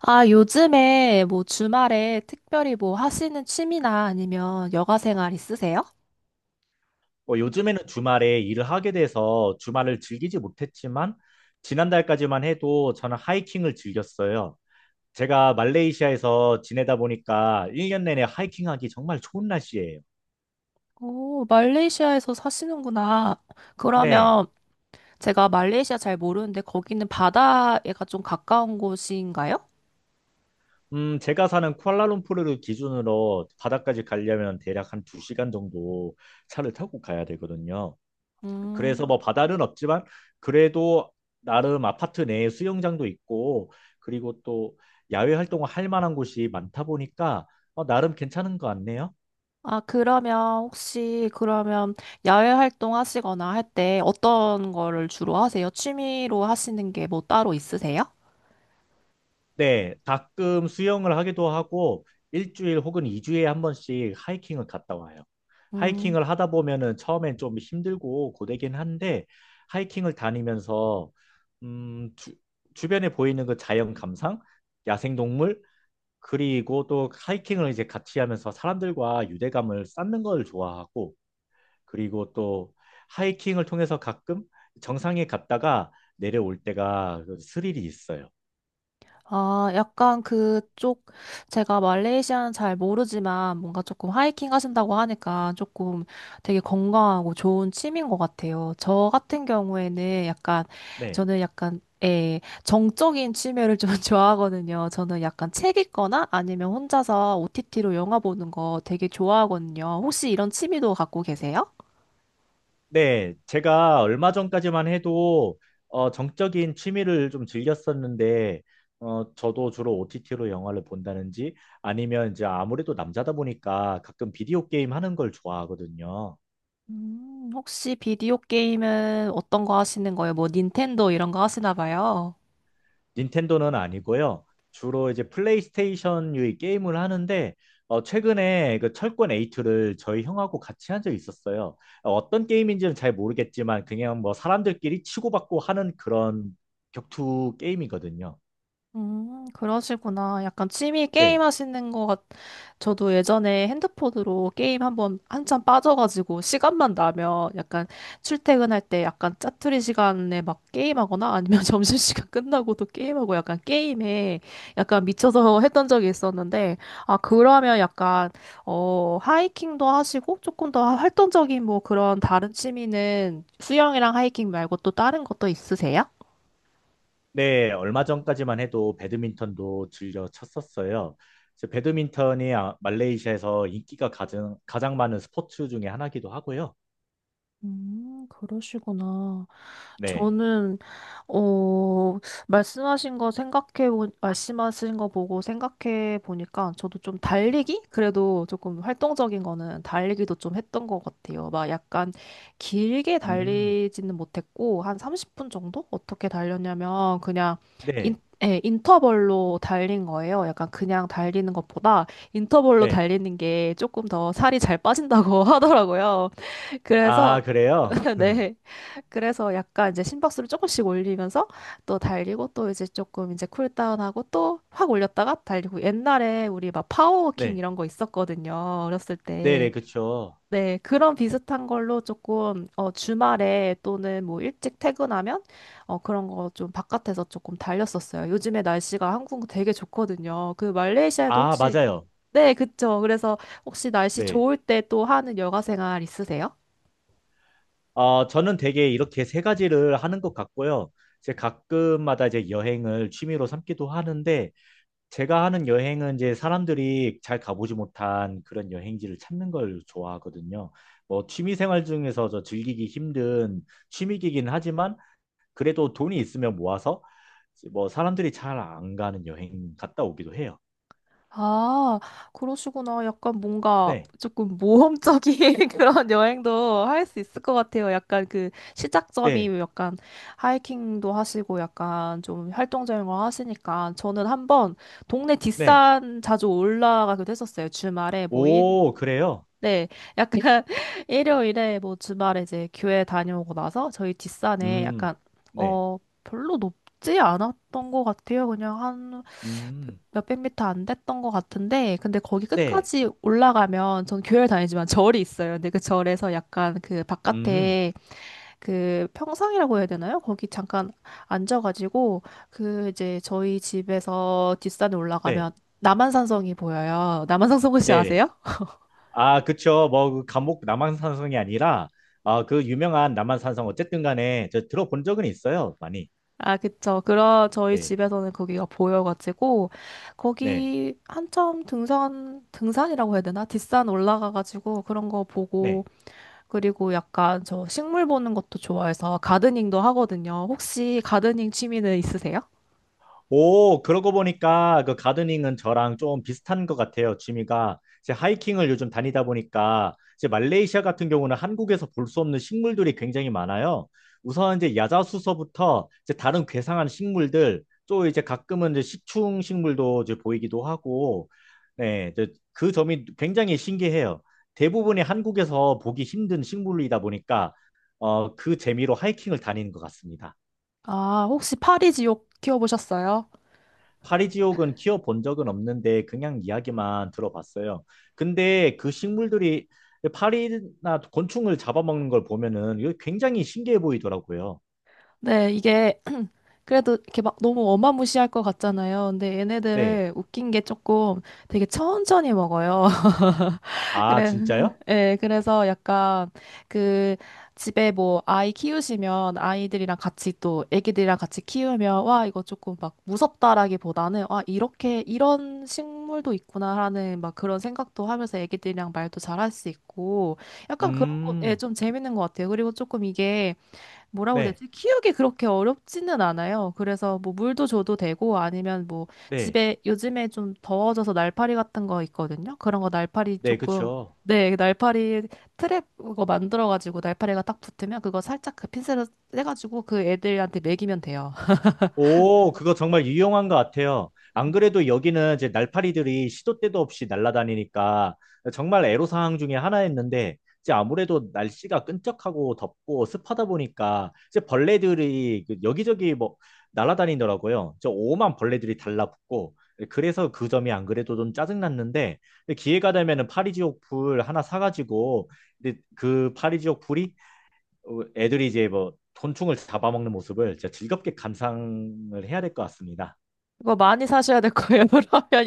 아, 요즘에 뭐 주말에 특별히 뭐 하시는 취미나 아니면 여가 생활 있으세요? 뭐 요즘에는 주말에 일을 하게 돼서 주말을 즐기지 못했지만 지난달까지만 해도 저는 하이킹을 즐겼어요. 제가 말레이시아에서 지내다 보니까 1년 내내 하이킹하기 정말 좋은 날씨예요. 오, 말레이시아에서 사시는구나. 네. 그러면 제가 말레이시아 잘 모르는데 거기는 바다에가 좀 가까운 곳인가요? 제가 사는 쿠알라룸푸르를 기준으로 바다까지 가려면 대략 한 2시간 정도 차를 타고 가야 되거든요. 그래서 음. 뭐 바다는 없지만 그래도 나름 아파트 내에 수영장도 있고 그리고 또 야외 활동을 할 만한 곳이 많다 보니까 나름 괜찮은 것 같네요. 아, 그러면 혹시 그러면 야외 활동 하시거나 할 때 어떤 거를 주로 하세요? 취미로 하시는 게 뭐 따로 있으세요? 네, 가끔 수영을 하기도 하고 일주일 혹은 이주에한 번씩 하이킹을 갔다 와요. 음. 하이킹을 하다 보면은 처음엔 좀 힘들고 고되긴 한데 하이킹을 다니면서 음, 주, 주변에 보이는 그 자연 감상, 야생동물, 그리고 또 하이킹을 이제 같이 하면서 사람들과 유대감을 쌓는 걸 좋아하고 그리고 또 하이킹을 통해서 가끔 정상에 갔다가 내려올 때가 그 스릴이 있어요. 아, 약간 그쪽, 제가 말레이시아는 잘 모르지만 뭔가 조금 하이킹 하신다고 하니까 조금 되게 건강하고 좋은 취미인 것 같아요. 저 같은 경우에는 약간, 네. 저는 약간, 예, 정적인 취미를 좀 좋아하거든요. 저는 약간 책 읽거나 아니면 혼자서 OTT로 영화 보는 거 되게 좋아하거든요. 혹시 이런 취미도 갖고 계세요? 네. 제가 얼마 전까지만 해도 정적인 취미를 좀 즐겼었는데 저도 주로 OTT로 영화를 본다든지 아니면 이제 아무래도 남자다 보니까 가끔 비디오 게임 하는 걸 좋아하거든요. 혹시 비디오 게임은 어떤 거 하시는 거예요? 뭐 닌텐도 이런 거 하시나 봐요. 닌텐도는 아니고요. 주로 이제 플레이스테이션 유의 게임을 하는데 최근에 그 철권 8를 저희 형하고 같이 한 적이 있었어요. 어떤 게임인지는 잘 모르겠지만 그냥 뭐 사람들끼리 치고받고 하는 그런 격투 게임이거든요. 그러시구나. 약간 취미 게임 네. 하시는 것 같, 저도 예전에 핸드폰으로 게임 한번 한참 빠져가지고 시간만 나면 약간 출퇴근할 때 약간 짜투리 시간에 막 게임하거나 아니면 점심시간 끝나고도 게임하고 약간 게임에 약간 미쳐서 했던 적이 있었는데, 아, 그러면 약간, 어, 하이킹도 하시고 조금 더 활동적인 뭐 그런 다른 취미는 수영이랑 하이킹 말고 또 다른 것도 있으세요? 네, 얼마 전까지만 해도 배드민턴도 즐겨 쳤었어요. 그래서 배드민턴이 말레이시아에서 인기가 가장, 가장 많은 스포츠 중에 하나기도 하고요. 그러시구나. 네. 저는 어 말씀하신 거 보고 생각해 보니까 저도 좀 달리기 그래도 조금 활동적인 거는 달리기도 좀 했던 것 같아요. 막 약간 길게 음, 달리지는 못했고 한 30분 정도 어떻게 달렸냐면 그냥 인 네, 예, 인터벌로 달린 거예요. 약간 그냥 달리는 것보다 인터벌로 네. 달리는 게 조금 더 살이 잘 빠진다고 하더라고요. 그래서 아, 그래요? 네. 그래서 약간 이제 심박수를 조금씩 올리면서 또 달리고 또 이제 조금 이제 쿨다운하고 또 확 올렸다가 달리고 옛날에 우리 막 파워워킹 네. 이런 거 있었거든요. 어렸을 때. 네네, 그쵸. 네. 그런 비슷한 걸로 조금 어, 주말에 또는 뭐 일찍 퇴근하면 어, 그런 거 좀 바깥에서 조금 달렸었어요. 요즘에 날씨가 한국 되게 좋거든요. 그 말레이시아에도 아, 혹시 맞아요. 네, 그쵸. 그래서 혹시 날씨 네. 좋을 때 또 하는 여가 생활 있으세요? 어, 저는 되게 이렇게 세 가지를 하는 것 같고요. 제 가끔마다 이제 여행을 취미로 삼기도 하는데, 제가 하는 여행은 이제 사람들이 잘 가보지 못한 그런 여행지를 찾는 걸 좋아하거든요. 뭐, 취미 생활 중에서 저 즐기기 힘든 취미이긴 하지만, 그래도 돈이 있으면 모아서, 뭐, 사람들이 잘 안 가는 여행 갔다 오기도 해요. 아, 그러시구나. 약간 뭔가 네, 조금 모험적인 그런 여행도 할 수 있을 것 같아요. 약간 그 시작점이 네, 약간 하이킹도 하시고 약간 좀 활동적인 걸 하시니까 저는 한번 동네 네. 뒷산 자주 올라가기도 했었어요. 주말에 뭐 일, 오, 그래요? 네, 약간 일요일에 뭐 주말에 이제 교회 다녀오고 나서 저희 뒷산에 약간 음, 네. 어 별로 높지 않았던 것 같아요. 그냥 음, 몇백 미터 안 됐던 것 같은데, 근데 거기 네, 끝까지 올라가면, 전 교회를 다니지만 절이 있어요. 근데 그 절에서 약간 그 음, 바깥에 그 평상이라고 해야 되나요? 거기 잠깐 앉아가지고, 그 이제 저희 집에서 뒷산에 올라가면 네, 남한산성이 보여요. 남한산성 혹시 네, 네. 아세요? 아, 그쵸. 뭐, 그 감옥 남한산성이 아니라, 아, 그 유명한 남한산성, 어쨌든 간에, 저 들어본 적은 있어요, 많이. 아, 그쵸. 그런 저희 네, 집에서는 거기가 보여가지고, 네, 거기 한참 등산, 등산이라고 해야 되나? 뒷산 올라가가지고 그런 거 보고, 네. 그리고 약간 저 식물 보는 것도 좋아해서 가드닝도 하거든요. 혹시 가드닝 취미는 있으세요? 오, 그러고 보니까 그 가드닝은 저랑 좀 비슷한 것 같아요. 취미가 이제 하이킹을 요즘 다니다 보니까 이제 말레이시아 같은 경우는 한국에서 볼 수 없는 식물들이 굉장히 많아요. 우선 이제 야자수서부터 이제 다른 괴상한 식물들 또 이제 가끔은 이제 식충 식물도 이제 보이기도 하고 네, 이제 그 점이 굉장히 신기해요. 대부분이 한국에서 보기 힘든 식물이다 보니까 그 재미로 하이킹을 다니는 것 같습니다. 아, 혹시 파리지옥 키워보셨어요? 파리지옥은 키워본 적은 없는데 그냥 이야기만 들어봤어요. 근데 그 식물들이 파리나 곤충을 잡아먹는 걸 보면은 이거 굉장히 신기해 보이더라고요. 네, 이게 그래도 이렇게 막 너무 어마무시할 것 같잖아요. 근데 네. 얘네들을 웃긴 게 조금 되게 천천히 먹어요. 아, 그래, 진짜요? 예, 그래서 약간 그 집에 뭐 아이 키우시면 아이들이랑 같이 또 애기들이랑 같이 키우면 와, 이거 조금 막 무섭다라기보다는 아, 이렇게 이런 식물도 있구나라는 막 그런 생각도 하면서 애기들이랑 말도 잘할 수 있고 약간 그런 거, 예, 음, 좀 재밌는 것 같아요. 그리고 조금 이게 뭐라고 해야 네, 되지? 키우기 그렇게 어렵지는 않아요. 그래서 뭐 물도 줘도 되고 아니면 뭐 네, 집에 요즘에 좀 더워져서 날파리 같은 거 있거든요. 그런 거 날파리 네, 조금 그쵸. 네, 날파리 트랩 그거 만들어 가지고 날파리가 딱 붙으면 그거 살짝 그 핀셋을 떼 가지고 그 애들한테 먹이면 돼요. 오, 그거 정말 유용한 것 같아요. 안 그래도 여기는 이제 날파리들이 시도 때도 없이 날아다니니까 정말 애로사항 중에 하나였는데, 이제 아무래도 날씨가 끈적하고 덥고 습하다 보니까 이제 벌레들이 그 여기저기 뭐 날아다니더라고요. 저 오만 벌레들이 달라붙고, 그래서 그 점이 안 그래도 좀 짜증났는데, 기회가 되면은 파리지옥 불 하나 사가지고, 근데 그 파리지옥 불이 애들이 이제 뭐 곤충을 잡아먹는 모습을 진짜 즐겁게 감상을 해야 될 것 같습니다. 그거 많이 사셔야 될 거예요. 그러면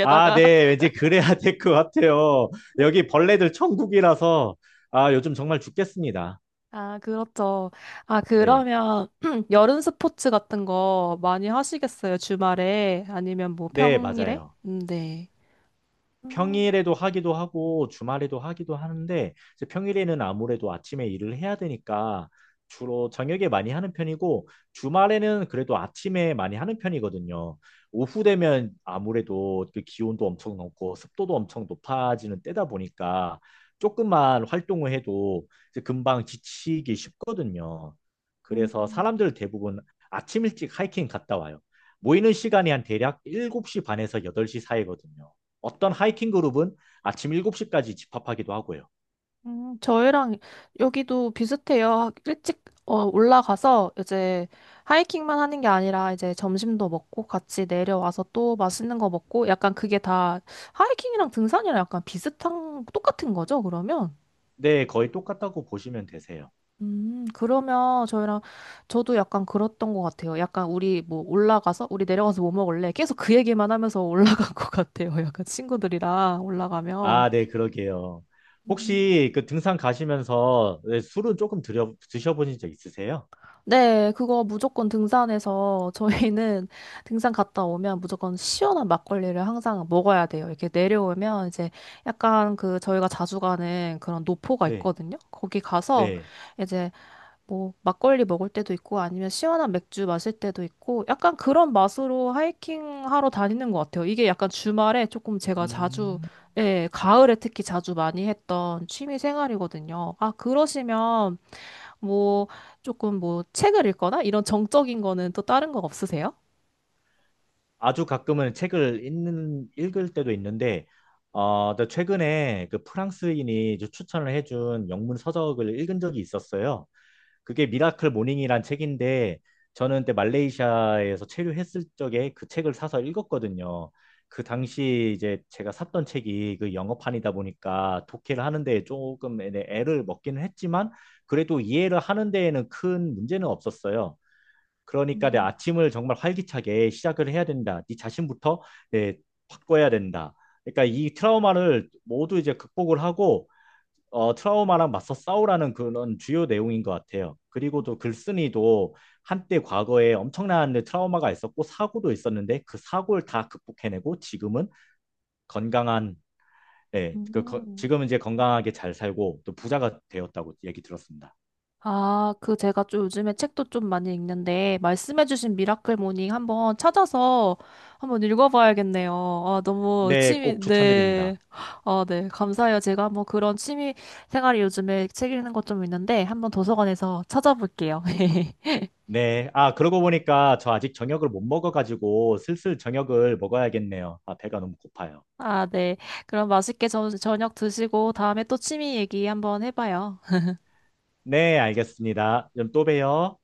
아, 네. 왠지 그래야 될 것 같아요. 여기 벌레들 천국이라서 아, 요즘 정말 죽겠습니다. 아, 그렇죠. 아, 네. 그러면 여름 스포츠 같은 거 많이 하시겠어요? 주말에 아니면 뭐 네, 평일에? 맞아요. 네. 음, 평일에도 하기도 하고 주말에도 하기도 하는데 이제 평일에는 아무래도 아침에 일을 해야 되니까 주로 저녁에 많이 하는 편이고 주말에는 그래도 아침에 많이 하는 편이거든요. 오후 되면 아무래도 그 기온도 엄청 높고 습도도 엄청 높아지는 때다 보니까 조금만 활동을 해도 이제 금방 지치기 쉽거든요. 그래서 음, 사람들 대부분 아침 일찍 하이킹 갔다 와요. 모이는 시간이 한 대략 7시 반에서 8시 사이거든요. 어떤 하이킹 그룹은 아침 7시까지 집합하기도 하고요. 저희랑 여기도 비슷해요. 일찍 어, 올라가서 이제 하이킹만 하는 게 아니라 이제 점심도 먹고 같이 내려와서 또 맛있는 거 먹고 약간 그게 다 하이킹이랑 등산이랑 약간 비슷한 똑같은 거죠, 그러면? 네, 거의 똑같다고 보시면 되세요. 그러면 저희랑 저도 약간 그랬던 것 같아요. 약간 우리 뭐 올라가서 우리 내려가서 뭐 먹을래? 계속 그 얘기만 하면서 올라간 것 같아요. 약간 친구들이랑 올라가면. 아, 네, 그러게요. 혹시 그 등산 가시면서 네, 술은 조금 드셔보신 적 있으세요? 네, 그거 무조건 등산해서 저희는 등산 갔다 오면 무조건 시원한 막걸리를 항상 먹어야 돼요. 이렇게 내려오면 이제 약간 그 저희가 자주 가는 그런 노포가 네, 있거든요. 거기 가서 네. 이제 뭐 막걸리 먹을 때도 있고 아니면 시원한 맥주 마실 때도 있고 약간 그런 맛으로 하이킹 하러 다니는 것 같아요. 이게 약간 주말에 조금 제가 자주 음, 예, 가을에 특히 자주 많이 했던 취미 생활이거든요. 아, 그러시면 뭐 조금 뭐 책을 읽거나 이런 정적인 거는 또 다른 거 없으세요? 아주 가끔은 책을 읽을 때도 있는데, 나 최근에 그 프랑스인이 이제 추천을 해준 영문 서적을 읽은 적이 있었어요. 그게 미라클 모닝이란 책인데 저는 그때 말레이시아에서 체류했을 적에 그 책을 사서 읽었거든요. 그 당시 이제 제가 샀던 책이 그 영어판이다 보니까 독해를 하는 데 조금 애를 먹기는 했지만 그래도 이해를 하는 데에는 큰 문제는 없었어요. 그러니까 내 아침을 정말 활기차게 시작을 해야 된다. 네 자신부터 예, 바꿔야 된다. 그러니까 이 트라우마를 모두 이제 극복을 하고 트라우마랑 맞서 싸우라는 그런 주요 내용인 것 같아요. 그리고 또 글쓴이도 한때 과거에 엄청난 트라우마가 있었고 사고도 있었는데 그 사고를 다 극복해내고 지금은 건강한, 음. 지금은 이제 건강하게 잘 살고 또 부자가 되었다고 얘기 들었습니다. 아, 그 제가 좀 요즘에 책도 좀 많이 읽는데 말씀해주신 미라클 모닝 한번 찾아서 한번 읽어봐야겠네요. 아, 너무 네, 취미, 꼭 네. 추천드립니다. 아, 네. 감사해요. 제가 뭐 그런 취미 생활이 요즘에 책 읽는 것 좀 있는데 한번 도서관에서 찾아볼게요. 네, 아, 그러고 보니까 저 아직 저녁을 못 먹어가지고 슬슬 저녁을 먹어야겠네요. 아, 배가 너무 고파요. 아, 네. 그럼 맛있게 저녁 드시고 다음에 또 취미 얘기 한번 해봐요. 네, 알겠습니다. 그럼 또 봬요.